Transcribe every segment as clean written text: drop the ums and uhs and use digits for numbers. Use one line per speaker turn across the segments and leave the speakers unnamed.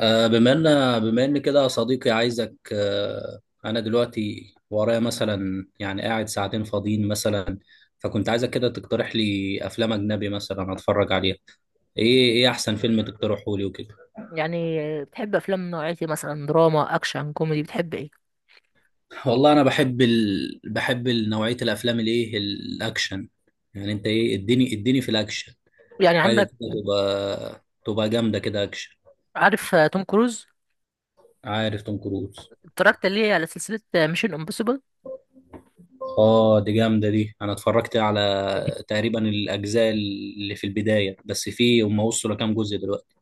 آه، بما ان بما ان كده يا صديقي، عايزك. انا دلوقتي ورايا مثلا، يعني قاعد ساعتين فاضيين مثلا. فكنت عايزك كده تقترح لي افلام اجنبي مثلا اتفرج عليها. ايه احسن فيلم تقترحه لي وكده؟
يعني بتحب افلام من نوعية إيه؟ مثلا دراما اكشن كوميدي، بتحب ايه؟
والله انا بحب نوعية الافلام الايه، الاكشن. يعني انت ايه، اديني في الاكشن
يعني
حاجة كده.
عندك
تبقى جامدة كده اكشن.
عارف توم كروز؟
عارف توم كروز؟
اتفرجت ليه على سلسلة ميشن امبوسيبل؟
اه دي جامده دي، انا اتفرجت على تقريبا الاجزاء اللي في البدايه بس، في هم وصلوا لكام جزء دلوقتي؟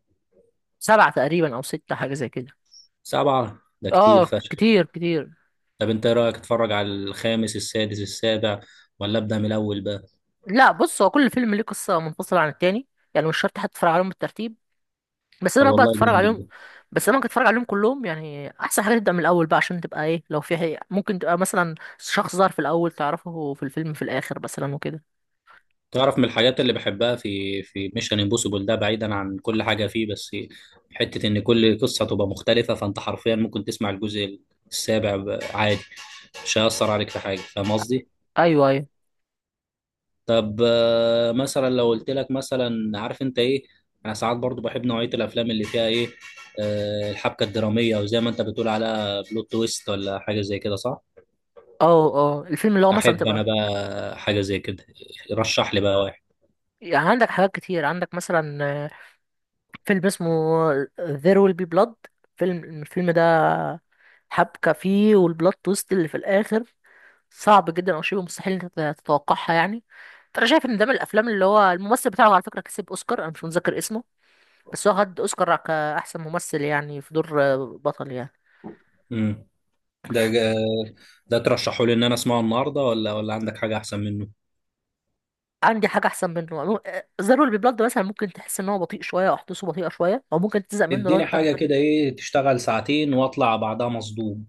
سبعة تقريبا او ستة، حاجة زي كده.
سبعه ده كتير
اه،
فشخ.
كتير كتير.
طب انت ايه رايك، اتفرج على الخامس السادس السابع، ولا ابدا من الاول بقى؟
لا بص، هو كل فيلم ليه قصة منفصلة عن التاني، يعني مش شرط حتى تتفرج عليهم بالترتيب. بس
طب
انا بقى
والله
تتفرج
جامد
عليهم.
ده.
بس انا ممكن تتفرج عليهم كلهم، يعني احسن حاجة تبدأ من الاول بقى عشان تبقى ايه لو في حقيقة. ممكن تبقى مثلا شخص ظهر في الاول تعرفه في الفيلم في الاخر مثلا وكده.
تعرف من الحاجات اللي بحبها في ميشن امبوسيبل ده، بعيدا عن كل حاجه فيه، بس حته ان كل قصه تبقى مختلفه. فانت حرفيا ممكن تسمع الجزء السابع عادي. مش هيأثر عليك في حاجه، فاهم قصدي؟
ايوه، ايوه.
طب، مثلا لو قلت لك مثلا، عارف انت ايه، انا ساعات برضو بحب نوعية الافلام اللي فيها ايه، الحبكة الدرامية، او زي ما انت بتقول على بلوت تويست، ولا حاجة زي كده، صح؟
اه اه الفيلم اللي هو مثلا
احب انا
تبقى،
بقى حاجة زي كده. رشح لي بقى واحد.
يعني عندك حاجات كتير، عندك مثلا آه، فيلم اسمه There Will Be Blood. الفيلم ده حبكة فيه، والبلوت تويست اللي في الآخر صعب جدا أو شبه مستحيل إن أنت تتوقعها، يعني. فأنا شايف إن ده من الأفلام اللي هو الممثل بتاعه، على فكرة، كسب أوسكار، أنا مش متذكر اسمه. بس هو خد أوسكار كأحسن ممثل، يعني في دور بطل، يعني.
امم ده جا- ده ترشحه لي ان انا اسمعه النهارده، ولا عندك حاجة احسن منه؟
عندي حاجة أحسن منه. There Will Be Blood مثلا ممكن تحس إن هو بطيء شوية، أو أحداثه بطيئة شوية، أو ممكن تزهق منه لو
اديني
أنت
حاجة كده، ايه تشتغل ساعتين واطلع بعدها مصدوم.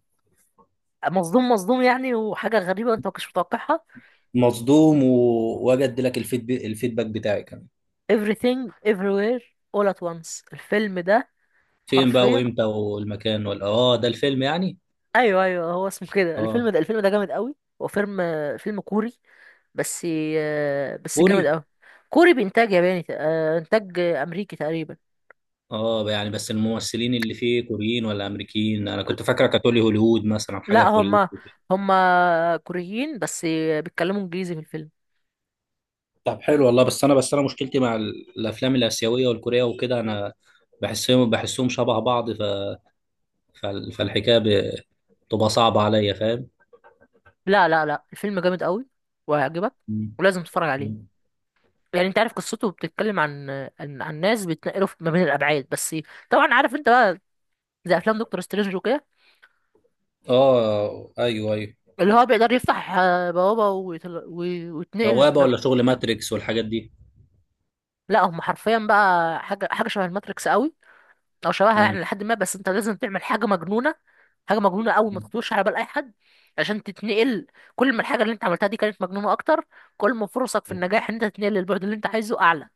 مصدوم. مصدوم، يعني وحاجة غريبة أنت ما كنتش متوقعها.
مصدوم و... واجد لك الفيدباك بتاعي كمان.
everything everywhere all at once، الفيلم ده
فين بقى
حرفيا.
وامتى والمكان ولا اه، ده الفيلم يعني؟
ايوه، ايوه، هو اسمه كده. الفيلم
اه
ده الفيلم ده جامد قوي. هو فيلم فيلم كوري، بس جامد
كوري؟
قوي. كوري بإنتاج ياباني، إنتاج أمريكي تقريبا.
اه يعني، بس الممثلين اللي فيه كوريين ولا امريكيين؟ انا كنت فاكره كاتولي هوليوود مثلا، حاجه
لا،
في هوليوود.
هما كوريين بس، بيتكلموا إنجليزي في الفيلم.
طب حلو والله، بس انا مشكلتي مع الافلام الاسيويه والكوريه وكده. انا بحسهم شبه بعض. فالحكايه بتبقى صعبه عليا، فاهم؟
لا لا لا، الفيلم جامد قوي وهيعجبك،
مم.
ولازم تتفرج عليه.
مم.
يعني انت عارف، قصته بتتكلم عن عن ناس بيتنقلوا ما بين الابعاد بس. طبعا عارف انت بقى، زي افلام دكتور سترينج وكده،
اه ايوه ايوه.
اللي هو بيقدر يفتح بوابة ويتنقل
بوابه ولا شغل ماتريكس والحاجات دي؟
لا، هم حرفيا بقى حاجة شبه الماتريكس قوي، أو شبهها،
مم.
يعني لحد ما، بس أنت لازم تعمل حاجة مجنونة. حاجة مجنونة قوي، ما
مم.
تخطرش على بال أي حد، عشان تتنقل. كل ما الحاجة اللي أنت عملتها دي كانت مجنونة أكتر، كل ما فرصك في النجاح إن أنت تتنقل للبعد اللي أنت عايزه أعلى.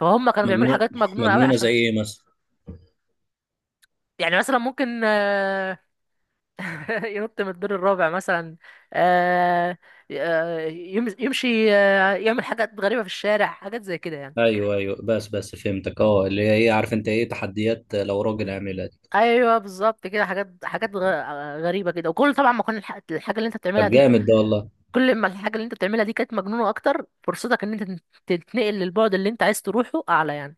فهم كانوا بيعملوا
مجنون.
حاجات مجنونة قوي
مجنونه زي
عشان،
ايه مثلا؟
يعني مثلا ممكن ينط من الدور الرابع مثلا. آه، يمشي، يعمل حاجات غريبة في الشارع، حاجات زي كده، يعني.
ايوه ايوه، بس فهمتك. اه، اللي هي ايه، عارف انت ايه، تحديات لو راجل عاملها.
ايوه بالظبط كده، حاجات غريبه كده، وكل طبعا ما كان الحاجه اللي انت بتعملها
طب
دي،
جامد ده والله.
كل ما الحاجه اللي انت بتعملها دي كانت مجنونه اكتر، فرصتك ان انت تتنقل للبعد اللي انت عايز تروحه اعلى، يعني.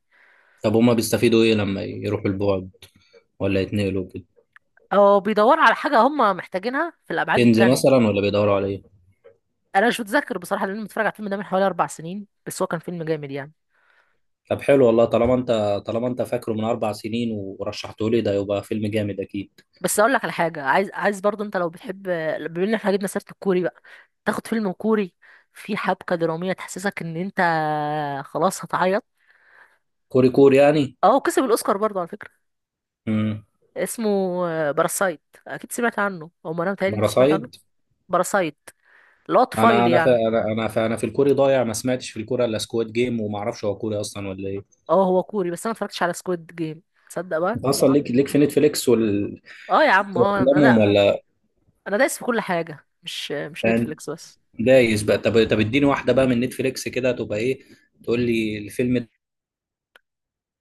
طب هما بيستفيدوا ايه لما يروحوا البعد، ولا يتنقلوا كده؟
او بيدور على حاجه هم محتاجينها في الابعاد
كنز
التانية.
مثلا ولا بيدوروا على ايه؟
انا مش متذكر بصراحه، لان أنا متفرج على الفيلم ده من حوالي 4 سنين، بس هو كان فيلم جامد، يعني.
طب حلو والله، طالما انت فاكره من 4 سنين ورشحته لي، ده يبقى فيلم جامد اكيد.
بس اقول لك على حاجه، عايز برضو، انت لو بتحب، بما ان احنا جبنا سيره الكوري بقى، تاخد فيلم كوري في حبكه دراميه تحسسك ان انت خلاص هتعيط.
كوري كوري يعني؟
اه، كسب الاوسكار برضو على فكره.
امم.
اسمه باراسايت، اكيد سمعت عنه، او ما انا متهيألي انت سمعت عنه.
باراسايد؟
باراسايت اللي هو
انا
طفيلي،
انا في
يعني.
انا انا في انا في الكوري ضايع، ما سمعتش في الكوري الا سكواد جيم، وما اعرفش هو كوري اصلا ولا ايه.
اه، هو كوري، بس انا ما اتفرجتش على سكويد جيم، تصدق بقى.
انت اصلا ليك في نتفليكس
اه يا عم، اه،
وافلامهم ولا
انا دايس في كل حاجه، مش
يعني؟
نتفليكس بس.
دايس بقى. طب اديني واحده بقى من نتفليكس كده، تبقى ايه، تقول لي الفيلم ده.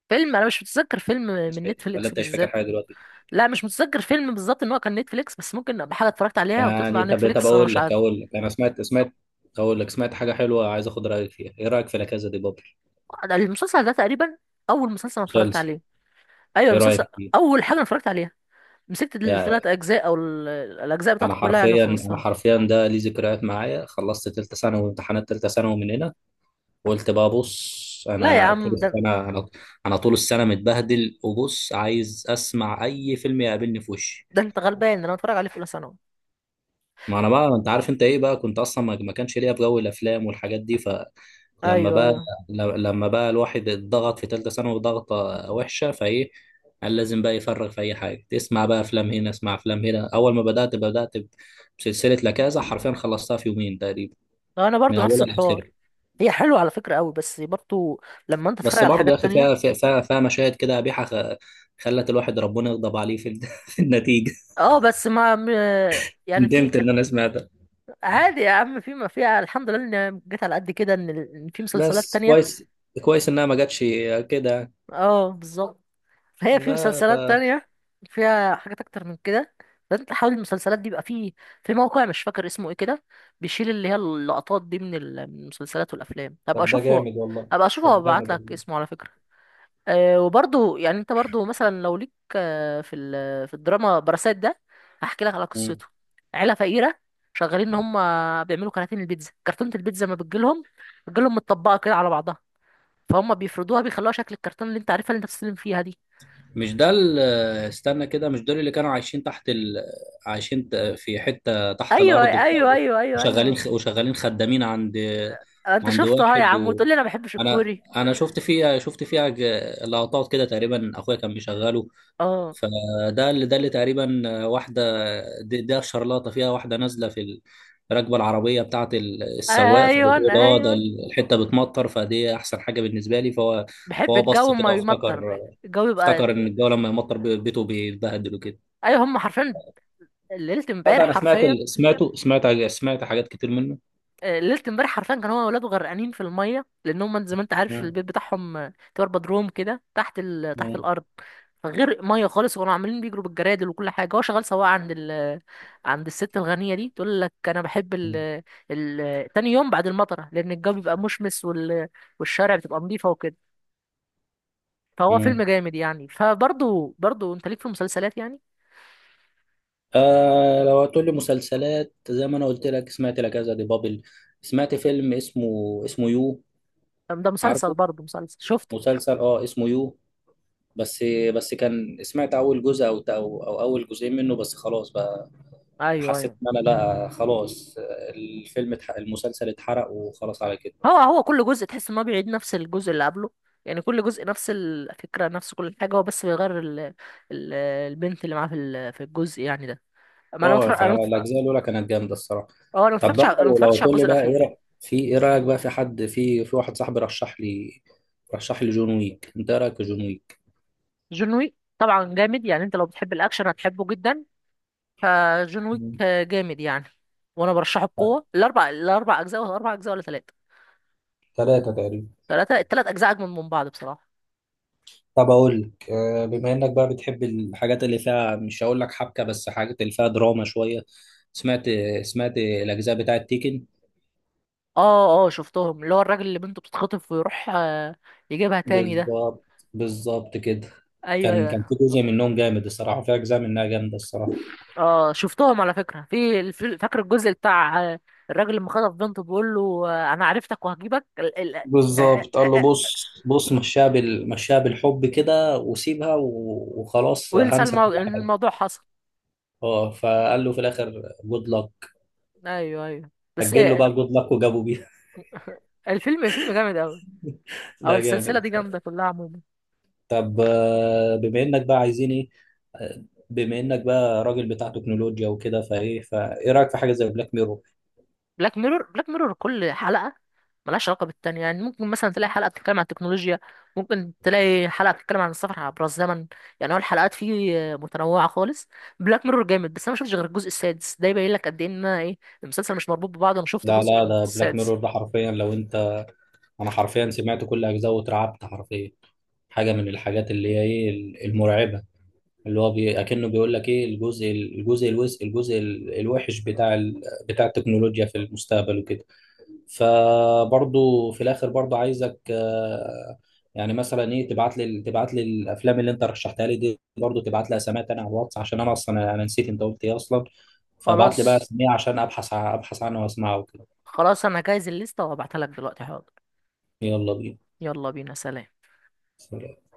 فيلم، انا مش متذكر فيلم من
ولا
نتفليكس
انت مش فاكر
بالذات.
حاجه دلوقتي
لا، مش متذكر فيلم بالظبط ان هو كان نتفليكس، بس ممكن ابقى حاجه اتفرجت عليها وتطلع
يعني؟
على
طب
نتفليكس وانا
اقول
مش
لك
عارف.
اقول لك انا سمعت سمعت اقول لك سمعت حاجه حلوه، عايز اخد رايك فيها. ايه رايك في لا كازا دي بابل؟
المسلسل ده تقريبا اول مسلسل انا اتفرجت
مسلسل؟
عليه. ايوه،
ايه رايك
المسلسل،
فيه؟
اول حاجه انا اتفرجت عليها، مسكت
يعني
الثلاث اجزاء الاجزاء
انا
بتاعته كلها، يعني،
حرفيا انا
وخلصتها.
حرفيا ده ليه ذكريات معايا. خلصت تالتة ثانوي وامتحانات تالتة ثانوي من هنا، وقلت بقى بص،
لا يا
انا طول
عم،
السنه انا انا طول السنه متبهدل. وبص عايز اسمع اي فيلم يقابلني في وشي.
ده انت غلبان، انا بتفرج عليه في اولى ثانوي.
ما انا بقى، انت عارف انت ايه بقى، كنت اصلا ما كانش ليا في جو الافلام والحاجات دي. لما
ايوه،
بقى
ايوه،
لما بقى الواحد اتضغط في ثالثه ثانوي، ضغطه وحشه فايه، قال لازم بقى يفرغ في اي حاجه. اسمع بقى افلام هنا، اسمع افلام هنا. اول ما بدات بسلسله لكازا، حرفيا خلصتها في يومين تقريبا،
لو انا
من
برضو نفس
اولها لاخرها.
الحوار. هي حلوه على فكره قوي، بس برضو لما انت تتفرج
بس
على
برضه يا
حاجات
اخي
تانية.
فيها مشاهد كده قبيحه، خلت الواحد ربنا يغضب عليه في في النتيجه.
اه بس ما م- يعني في.
ندمت ان انا سمعتها.
عادي يا عم، في ما فيها، الحمد لله ان جيت على قد كده ان إن في مسلسلات
بس
تانية.
كويس، كويس انها ما جاتش كده
اه بالظبط. فهي في
بقى.
مسلسلات تانية فيها حاجات أكتر من كده، فأنت حاول. المسلسلات دي بيبقى في، في موقع مش فاكر اسمه إيه كده، بيشيل اللي هي اللقطات دي من من المسلسلات والأفلام، هبقى
طب ده
أشوفه.
جامد والله.
هبقى أشوفه
طب
وأبعت
جامد
لك
والله.
اسمه، على فكرة. أه، وبرضه، يعني أنت برضه مثلا لو ليك في في الدراما، براسات ده هحكي لك على قصته. عيلة فقيرة شغالين، إن هم بيعملوا كراتين البيتزا، كرتونة البيتزا ما بتجيلهم، بتجيلهم متطبقة كده على بعضها، فهم بيفردوها بيخلوها شكل الكرتون اللي أنت عارفها، اللي أنت بتستلم فيها دي.
مش ده استنى كده، مش دول اللي كانوا عايشين في حتة تحت
ايوه،
الأرض كده،
ايوه، ايوه، ايوه،
وشغالين
ايوه.
وشغالين خدامين عند
انت شفته ها يا
واحد
عم، وتقول لي انا ما بحبش
أنا
الكوري.
أنا شفت فيها لقطات كده تقريبا، أخويا كان بيشغله.
اه،
فده اللي تقريبا واحده، ده شرلاطه فيها واحده نازله في الركبه العربيه بتاعت السواق،
ايوه،
فبتقول اه ده
ايوه.
الحته بتمطر، فدي احسن حاجه بالنسبه لي. فهو
بحب
فهو بص
الجو ما
كده وافتكر
يمطر، الجو يبقى.
افتكر ان الجو لما يمطر بيته بيتبهدل وكده.
ايوه، هم حرفيا، ليله
لا، ده
امبارح
انا سمعت
حرفيا.
ال... سمعته سمعت سمعت حاجات كتير منه.
ليله امبارح حرفيا كان هو وولاده غرقانين في الميه، لان هم زي ما انت عارف
مم.
البيت بتاعهم تبقى بدروم كده تحت تحت
مم.
الارض. فغرق ميه خالص، وكانوا عمالين بيجروا بالجرادل وكل حاجه، هو شغال سواق عند عند الست الغنيه دي. تقول لك انا بحب
مم.
تاني يوم بعد المطره، لان الجو بيبقى مشمس والشارع بتبقى نظيفه وكده. فهو فيلم
مم.
جامد، يعني، فبرضه، برضه انت ليك في المسلسلات، يعني.
آه لو هتقول لي مسلسلات، زي ما انا قلت لك سمعت لا كذا دي بابل، سمعت فيلم اسمه يو،
ده مسلسل،
عارفه؟
برضه مسلسل شفته.
مسلسل، اه، اسمه يو. بس كان سمعت اول جزء او اول جزئين منه، بس خلاص بقى،
ايوه،
حسيت
ايوه،
ان انا لا خلاص، الفيلم المسلسل اتحرق وخلاص على كده.
هو كل جزء تحس ان هو بيعيد نفس الجزء اللي قبله، يعني كل جزء نفس الفكره، نفس كل حاجه، هو بس بيغير ال... البنت اللي معاه في في الجزء، يعني ده. ما انا
اه
متفرج... انا متف... اه،
فالاجزاء الاولى كانت جامده الصراحه. طب بقى
انا ما
لو
اتفرجتش على
تقول لي
الجزء
بقى
الاخير.
في ايه رايك بقى في حد، في واحد صاحبي رشح لي جون ويك، انت ايه رايك في جون ويك؟
جون ويك طبعا جامد، يعني انت لو بتحب الاكشن هتحبه جدا، فجون ويك
مم.
جامد، يعني. وانا برشحه بقوه، الاربع اجزاء ولا اربع اجزاء ولا ثلاثه.
ثلاثة تقريبا.
ثلاثه، الثلاث اجزاء اجمل من بعض، بصراحه.
طب اقول لك، بما انك بقى بتحب الحاجات اللي فيها، مش هقول لك حبكه، بس حاجات اللي فيها دراما شويه. سمعت سمعت الاجزاء بتاعه تيكن؟
اه، اه، شفتهم، اللي هو الراجل اللي بنته بتتخطف ويروح يجيبها تاني، ده.
بالظبط، بالظبط كده.
ايوه،
كان
ايوه.
في جزء منهم جامد الصراحه، في اجزاء منها جامده الصراحه.
اه شفتهم، على فكرة، في فاكر الجزء بتاع الراجل لما خطف بنته بيقول له انا عرفتك وهجيبك آه،
بالظبط قال له
آه،
بص بص، مشاها بالحب كده وسيبها، وخلاص
وينسى
هنسى كل حاجه.
الموضوع حصل.
اه فقال له في الاخر جود لك،
ايوه، ايوه، بس
سجل له بقى جود لك وجابوا بيها.
الفيلم، الفيلم جامد قوي، او
لا
السلسلة
جامد.
دي جامدة كلها عموما.
طب، بما انك بقى عايزين ايه، آه، بما انك بقى راجل بتاع تكنولوجيا وكده، فايه رايك في حاجه زي بلاك ميرور؟
بلاك ميرور، كل حلقة ملهاش علاقة بالتانية، يعني ممكن مثلا تلاقي حلقة بتتكلم عن التكنولوجيا، ممكن تلاقي حلقة بتتكلم عن السفر عبر الزمن، يعني هو الحلقات فيه متنوعة خالص. بلاك ميرور جامد، بس أنا ما شفتش غير الجزء السادس، ده يبين لك قد إيه إن أنا إيه، المسلسل مش مربوط ببعضه، أنا شفت
لا
جزء
لا،
من
ده بلاك
السادس.
ميرور ده حرفيا لو انت، انا حرفيا سمعت كل اجزاء واترعبت حرفيا. حاجه من الحاجات اللي هي ايه، المرعبه، اللي هو اكنه بيقول لك ايه، الجزء الوحش بتاع التكنولوجيا في المستقبل وكده. فبرضو في الاخر برضو عايزك، يعني مثلا ايه، تبعت لي الافلام اللي انت رشحتها لي دي، برضو تبعت لي اساميها تاني على الواتس، عشان انا اصلا انا نسيت انت قلت ايه اصلا. فابعت لي بقى
خلاص،
اسميها عشان ابحث عنها واسمعها وكده.
خلاص أنا هجهز الليستة وأبعتها لك دلوقتي، حاضر.
يلا بينا.
يلا بينا، سلام.
سلام.